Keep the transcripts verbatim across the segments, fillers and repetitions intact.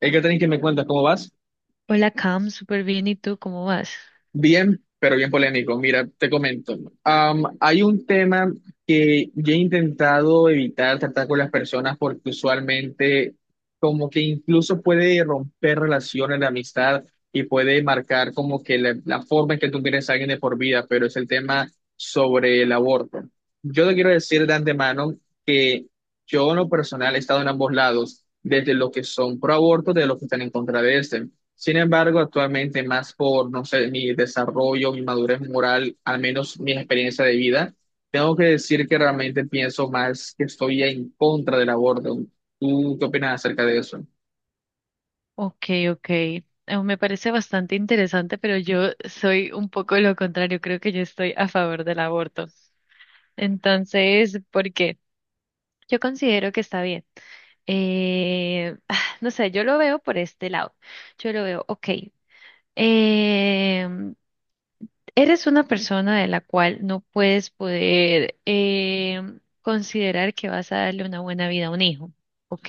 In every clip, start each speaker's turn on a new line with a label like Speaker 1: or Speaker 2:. Speaker 1: Hey, Catherine, ¿que me cuentas? ¿Cómo vas?
Speaker 2: Hola Cam, súper bien. ¿Y tú cómo vas?
Speaker 1: Bien, pero bien polémico. Mira, te comento. Am, hay un tema que yo he intentado evitar tratar con las personas porque usualmente como que incluso puede romper relaciones de amistad y puede marcar como que la, la forma en que tú quieres a alguien de por vida, pero es el tema sobre el aborto. Yo te quiero decir de antemano que yo en lo personal he estado en ambos lados, desde los que son pro aborto, de los que están en contra de este. Sin embargo, actualmente más por, no sé, mi desarrollo, mi madurez moral, al menos mi experiencia de vida, tengo que decir que realmente pienso más que estoy en contra del aborto. ¿Tú qué opinas acerca de eso?
Speaker 2: Ok, ok. Eh, Me parece bastante interesante, pero yo soy un poco lo contrario. Creo que yo estoy a favor del aborto. Entonces, ¿por qué? Yo considero que está bien. Eh, ah, no sé, yo lo veo por este lado. Yo lo veo, ok. em, Eres una persona de la cual no puedes poder em, considerar que vas a darle una buena vida a un hijo. Ok.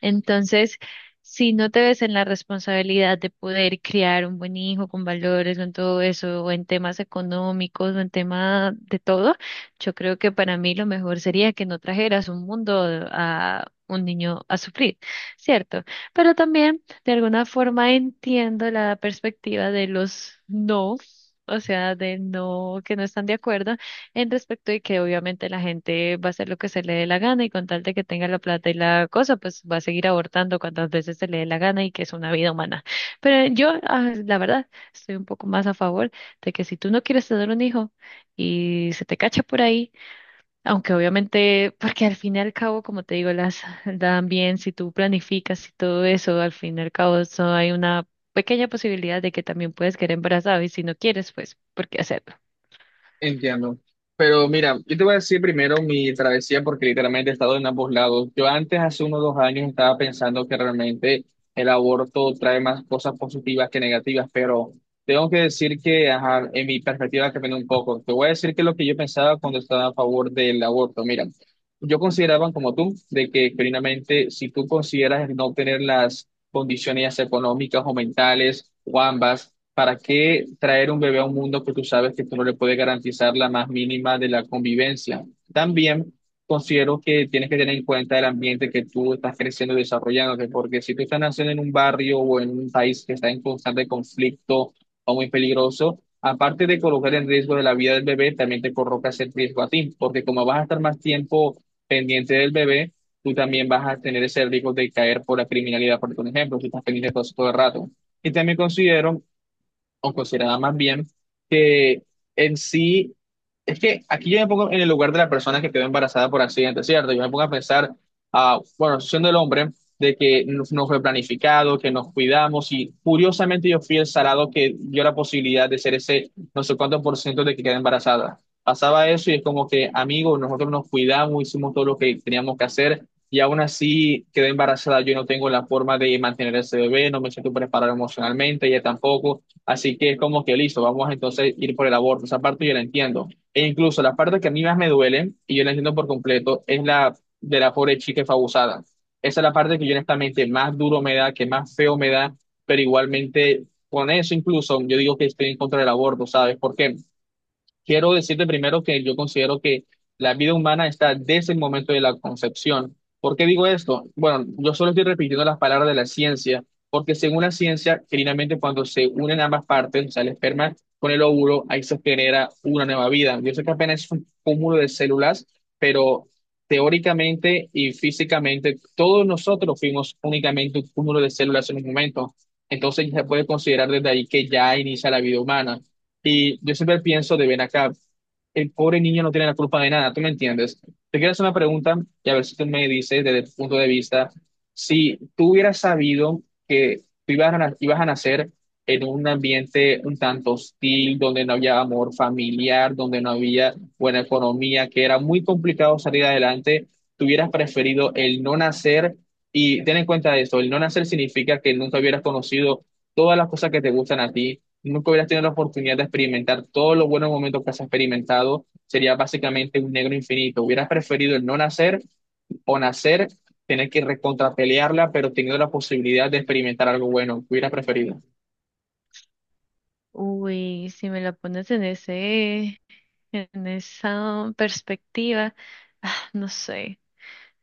Speaker 2: Entonces, si no te ves en la responsabilidad de poder criar un buen hijo con valores, con todo eso, o en temas económicos, o en tema de todo, yo creo que para mí lo mejor sería que no trajeras un mundo a un niño a sufrir, ¿cierto? Pero también, de alguna forma, entiendo la perspectiva de los no. O sea, de no, que no están de acuerdo, en respecto de que obviamente la gente va a hacer lo que se le dé la gana y con tal de que tenga la plata y la cosa, pues va a seguir abortando cuantas veces se le dé la gana y que es una vida humana. Pero yo, ah, la verdad, estoy un poco más a favor de que si tú no quieres tener un hijo y se te cacha por ahí, aunque obviamente, porque al fin y al cabo, como te digo, las dan bien, si tú planificas y todo eso, al fin y al cabo, eso hay una pequeña posibilidad de que también puedes quedar embarazado y si no quieres, pues, ¿por qué hacerlo?
Speaker 1: Entiendo. Pero mira, yo te voy a decir primero mi travesía porque literalmente he estado en ambos lados. Yo antes, hace unos dos años, estaba pensando que realmente el aborto trae más cosas positivas que negativas, pero tengo que decir que, ajá, en mi perspectiva cambió un poco. Te voy a decir que lo que yo pensaba cuando estaba a favor del aborto, mira, yo consideraba como tú, de que primeramente si tú consideras no tener las condiciones económicas o mentales o ambas, ¿para qué traer un bebé a un mundo que tú sabes que tú no le puedes garantizar la más mínima de la convivencia? También considero que tienes que tener en cuenta el ambiente que tú estás creciendo y desarrollándote, porque si tú estás naciendo en un barrio o en un país que está en constante conflicto o muy peligroso, aparte de colocar en riesgo de la vida del bebé, también te colocas en riesgo a ti, porque como vas a estar más tiempo pendiente del bebé, tú también vas a tener ese riesgo de caer por la criminalidad, por ejemplo, si estás pendiente de cosas todo el rato. Y también considero o considerada más bien, que en sí, es que aquí yo me pongo en el lugar de la persona que quedó embarazada por accidente, ¿cierto? Yo me pongo a pensar, ah, bueno, siendo el hombre, de que no, no fue planificado, que nos cuidamos y curiosamente yo fui el salado que dio la posibilidad de ser ese no sé cuánto por ciento de que queda embarazada. Pasaba eso y es como que, amigos, nosotros nos cuidamos, hicimos todo lo que teníamos que hacer. Y aún así quedé embarazada, yo no tengo la forma de mantener ese bebé, no me siento preparado emocionalmente, ella tampoco. Así que es como que listo, vamos entonces a ir por el aborto. Esa parte yo la entiendo. E incluso la parte que a mí más me duele, y yo la entiendo por completo, es la de la pobre chica que fue abusada. Esa es la parte que yo honestamente más duro me da, que más feo me da, pero igualmente con eso incluso yo digo que estoy en contra del aborto, ¿sabes por qué? Quiero decirte primero que yo considero que la vida humana está desde el momento de la concepción. ¿Por qué digo esto? Bueno, yo solo estoy repitiendo las palabras de la ciencia, porque según la ciencia, finalmente cuando se unen ambas partes, o sea, el esperma con el óvulo, ahí se genera una nueva vida. Yo sé que apenas es un cúmulo de células, pero teóricamente y físicamente todos nosotros fuimos únicamente un cúmulo de células en un momento. Entonces ya se puede considerar desde ahí que ya inicia la vida humana. Y yo siempre pienso de ven acá, el pobre niño no tiene la culpa de nada, ¿tú me entiendes? Te quiero hacer una pregunta y a ver si tú me dices desde tu punto de vista, si tú hubieras sabido que tú ibas a, na- ibas a nacer en un ambiente un tanto hostil, donde no había amor familiar, donde no había buena economía, que era muy complicado salir adelante, ¿tú hubieras preferido el no nacer? Y ten en cuenta esto, el no nacer significa que nunca hubieras conocido todas las cosas que te gustan a ti, nunca hubieras tenido la oportunidad de experimentar todos los buenos momentos que has experimentado, sería básicamente un negro infinito. ¿Hubieras preferido el no nacer o nacer, tener que recontrapelearla, pero teniendo la posibilidad de experimentar algo bueno, hubieras preferido?
Speaker 2: Uy, si me la pones en ese, en esa perspectiva, ah, no sé.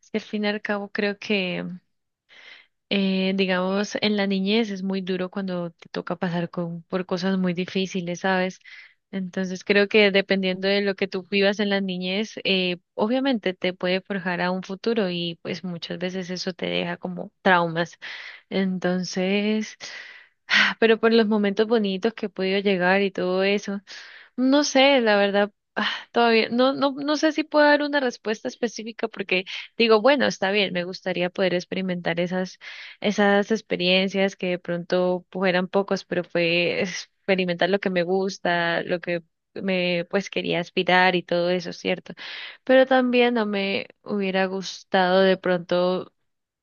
Speaker 2: Es que al fin y al cabo creo que, eh, digamos, en la niñez es muy duro cuando te toca pasar con, por cosas muy difíciles, ¿sabes? Entonces creo que dependiendo de lo que tú vivas en la niñez, eh, obviamente te puede forjar a un futuro y pues muchas veces eso te deja como traumas. Entonces, ah, pero por los momentos bonitos que he podido llegar y todo eso. No sé, la verdad, ah, todavía no, no, no sé si puedo dar una respuesta específica porque digo, bueno, está bien, me gustaría poder experimentar esas, esas experiencias que de pronto fueran pocos, pero fue experimentar lo que me gusta, lo que me pues quería aspirar y todo eso, ¿cierto? Pero también no me hubiera gustado de pronto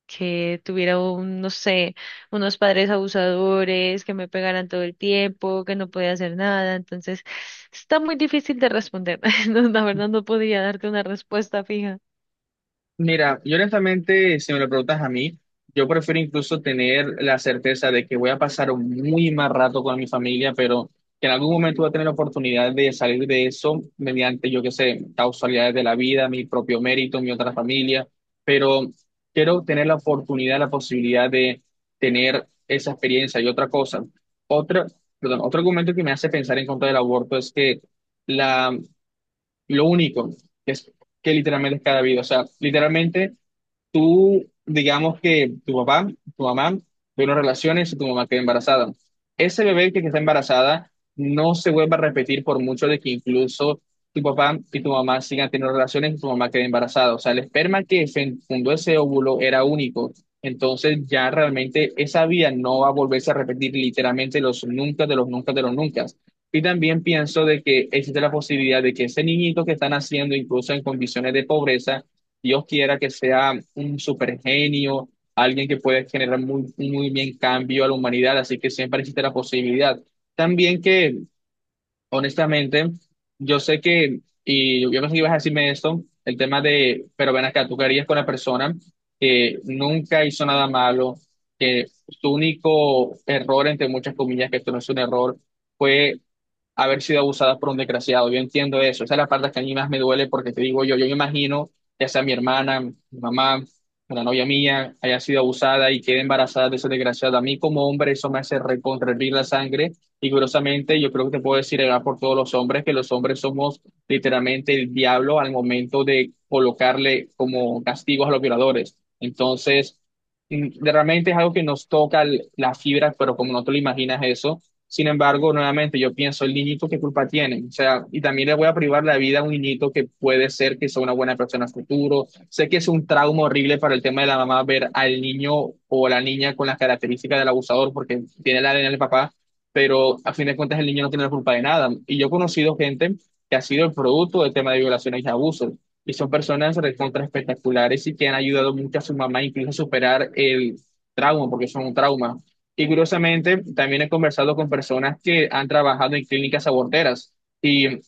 Speaker 2: que tuviera un, no sé, unos padres abusadores, que me pegaran todo el tiempo, que no podía hacer nada. Entonces, está muy difícil de responder. No, la verdad no podría darte una respuesta fija.
Speaker 1: Mira, yo honestamente, si me lo preguntas a mí, yo prefiero incluso tener la certeza de que voy a pasar un muy mal rato con mi familia, pero que en algún momento voy a tener la oportunidad de salir de eso mediante, yo qué sé, causalidades de la vida, mi propio mérito, mi otra familia, pero quiero tener la oportunidad, la posibilidad de tener esa experiencia y otra cosa. Otra, perdón, otro argumento que me hace pensar en contra del aborto es que la, lo único que es que literalmente es cada vida, o sea, literalmente tú, digamos que tu papá, tu mamá tuvieron relaciones y tu mamá quedó embarazada. Ese bebé que está embarazada no se vuelva a repetir por mucho de que incluso tu papá y tu mamá sigan teniendo relaciones y tu mamá quede embarazada. O sea, el esperma que fen- fundó ese óvulo era único. Entonces ya realmente esa vida no va a volverse a repetir literalmente los nunca de los nunca de los nunca. Y también pienso de que existe la posibilidad de que ese niñito que están haciendo, incluso en condiciones de pobreza, Dios quiera que sea un super genio, alguien que pueda generar muy, muy bien cambio a la humanidad, así que siempre existe la posibilidad. También que, honestamente, yo sé que, y yo pensé que ibas a decirme esto, el tema de, pero ven acá, tú querías con la persona que nunca hizo nada malo, que su único error, entre muchas comillas, que esto no es un error, fue haber sido abusadas por un desgraciado. Yo entiendo eso. Esa es la parte que a mí más me duele porque te digo yo, yo me imagino, ya sea mi hermana, mi mamá, la novia mía, haya sido abusada y quede embarazada de ese desgraciado. A mí como hombre eso me hace recontra hervir la sangre y curiosamente yo creo que te puedo decir, eh, por todos los hombres que los hombres somos literalmente el diablo al momento de colocarle como castigos a los violadores. Entonces... mm, Realmente es algo que nos toca l- la fibra, pero como no te lo imaginas eso, sin embargo, nuevamente yo pienso, el niñito, ¿qué culpa tiene? O sea, y también le voy a privar la vida a un niñito que puede ser que sea una buena persona en el futuro. Sé que es un trauma horrible para el tema de la mamá ver al niño o la niña con las características del abusador porque tiene la A D N del papá, pero a fin de cuentas el niño no tiene la culpa de nada. Y yo he conocido gente que ha sido el producto del tema de violaciones y abusos. Y son personas recontra espectaculares y que han ayudado mucho a su mamá incluso a superar el trauma, porque son un trauma. Y curiosamente, también he conversado con personas que han trabajado en clínicas aborteras. Y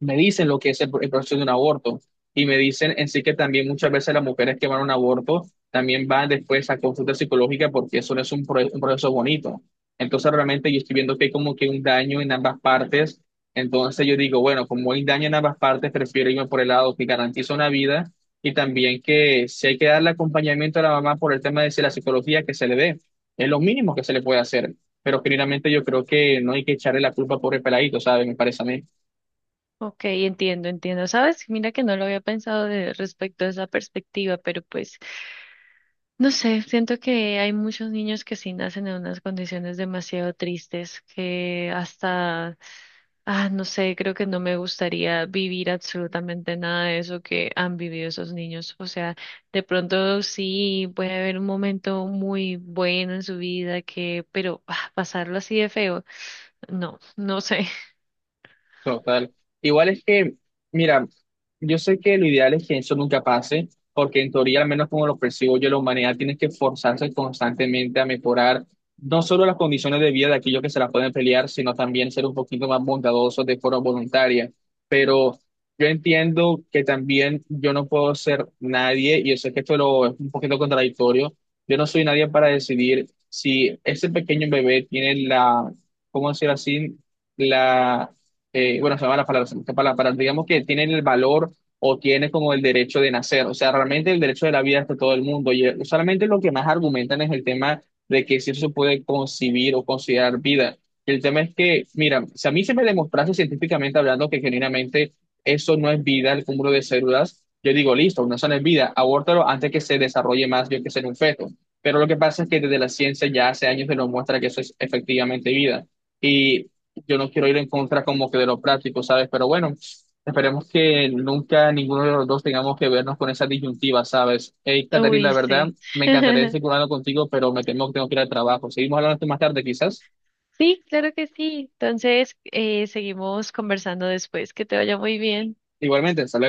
Speaker 1: me dicen lo que es el, el proceso de un aborto y me dicen en sí que también muchas veces las mujeres que van a un aborto también van después a consulta psicológica porque eso no es un, pro- un proceso bonito. Entonces realmente yo estoy viendo que hay como que un daño en ambas partes. Entonces yo digo, bueno, como hay daño en ambas partes, prefiero irme por el lado que garantiza una vida y también que si hay que darle acompañamiento a la mamá por el tema de si la psicología que se le dé, es lo mínimo que se le puede hacer. Pero generalmente yo creo que no hay que echarle la culpa por el peladito, ¿sabes? Me parece a mí.
Speaker 2: Ok, entiendo, entiendo. ¿Sabes? Mira que no lo había pensado de, respecto a esa perspectiva, pero pues no sé, siento que hay muchos niños que sí nacen en unas condiciones demasiado tristes, que hasta, ah, no sé, creo que no me gustaría vivir absolutamente nada de eso que han vivido esos niños. O sea, de pronto sí puede haber un momento muy bueno en su vida que, pero ah, pasarlo así de feo, no, no sé.
Speaker 1: Total. Igual es que, mira, yo sé que lo ideal es que eso nunca pase, porque en teoría, al menos como lo percibo yo, la humanidad tiene que forzarse constantemente a mejorar no solo las condiciones de vida de aquellos que se las pueden pelear, sino también ser un poquito más bondadosos de forma voluntaria. Pero yo entiendo que también yo no puedo ser nadie, y yo sé que esto lo, es un poquito contradictorio, yo no soy nadie para decidir si ese pequeño bebé tiene la, ¿cómo decir así? La eh, bueno, se llama la palabra, esta palabra, para- digamos que tienen el valor o tienen como el derecho de nacer. O sea, realmente el derecho de la vida es de todo el mundo. Y eh, solamente lo que más argumentan es el tema de que si eso se puede concebir o considerar vida. Y el tema es que, mira, si a mí se me demostrase científicamente hablando que genuinamente eso no es vida, el cúmulo de células, yo digo, listo, no eso no es vida, abórtalo antes que se desarrolle más, yo que ser un feto. Pero lo que pasa es que desde la ciencia ya hace años se nos muestra que eso es efectivamente vida. Y yo no quiero ir en contra como que de lo práctico, ¿sabes? Pero bueno, esperemos que nunca ninguno de los dos tengamos que vernos con esa disyuntiva, ¿sabes? Hey, Caterina,
Speaker 2: Uy,
Speaker 1: la verdad,
Speaker 2: sí.
Speaker 1: me encantaría seguir hablando contigo, pero me temo que tengo que ir al trabajo. Seguimos hablando esto más tarde, quizás.
Speaker 2: Sí, claro que sí. Entonces, eh, seguimos conversando después. Que te vaya muy bien.
Speaker 1: Igualmente, hasta luego.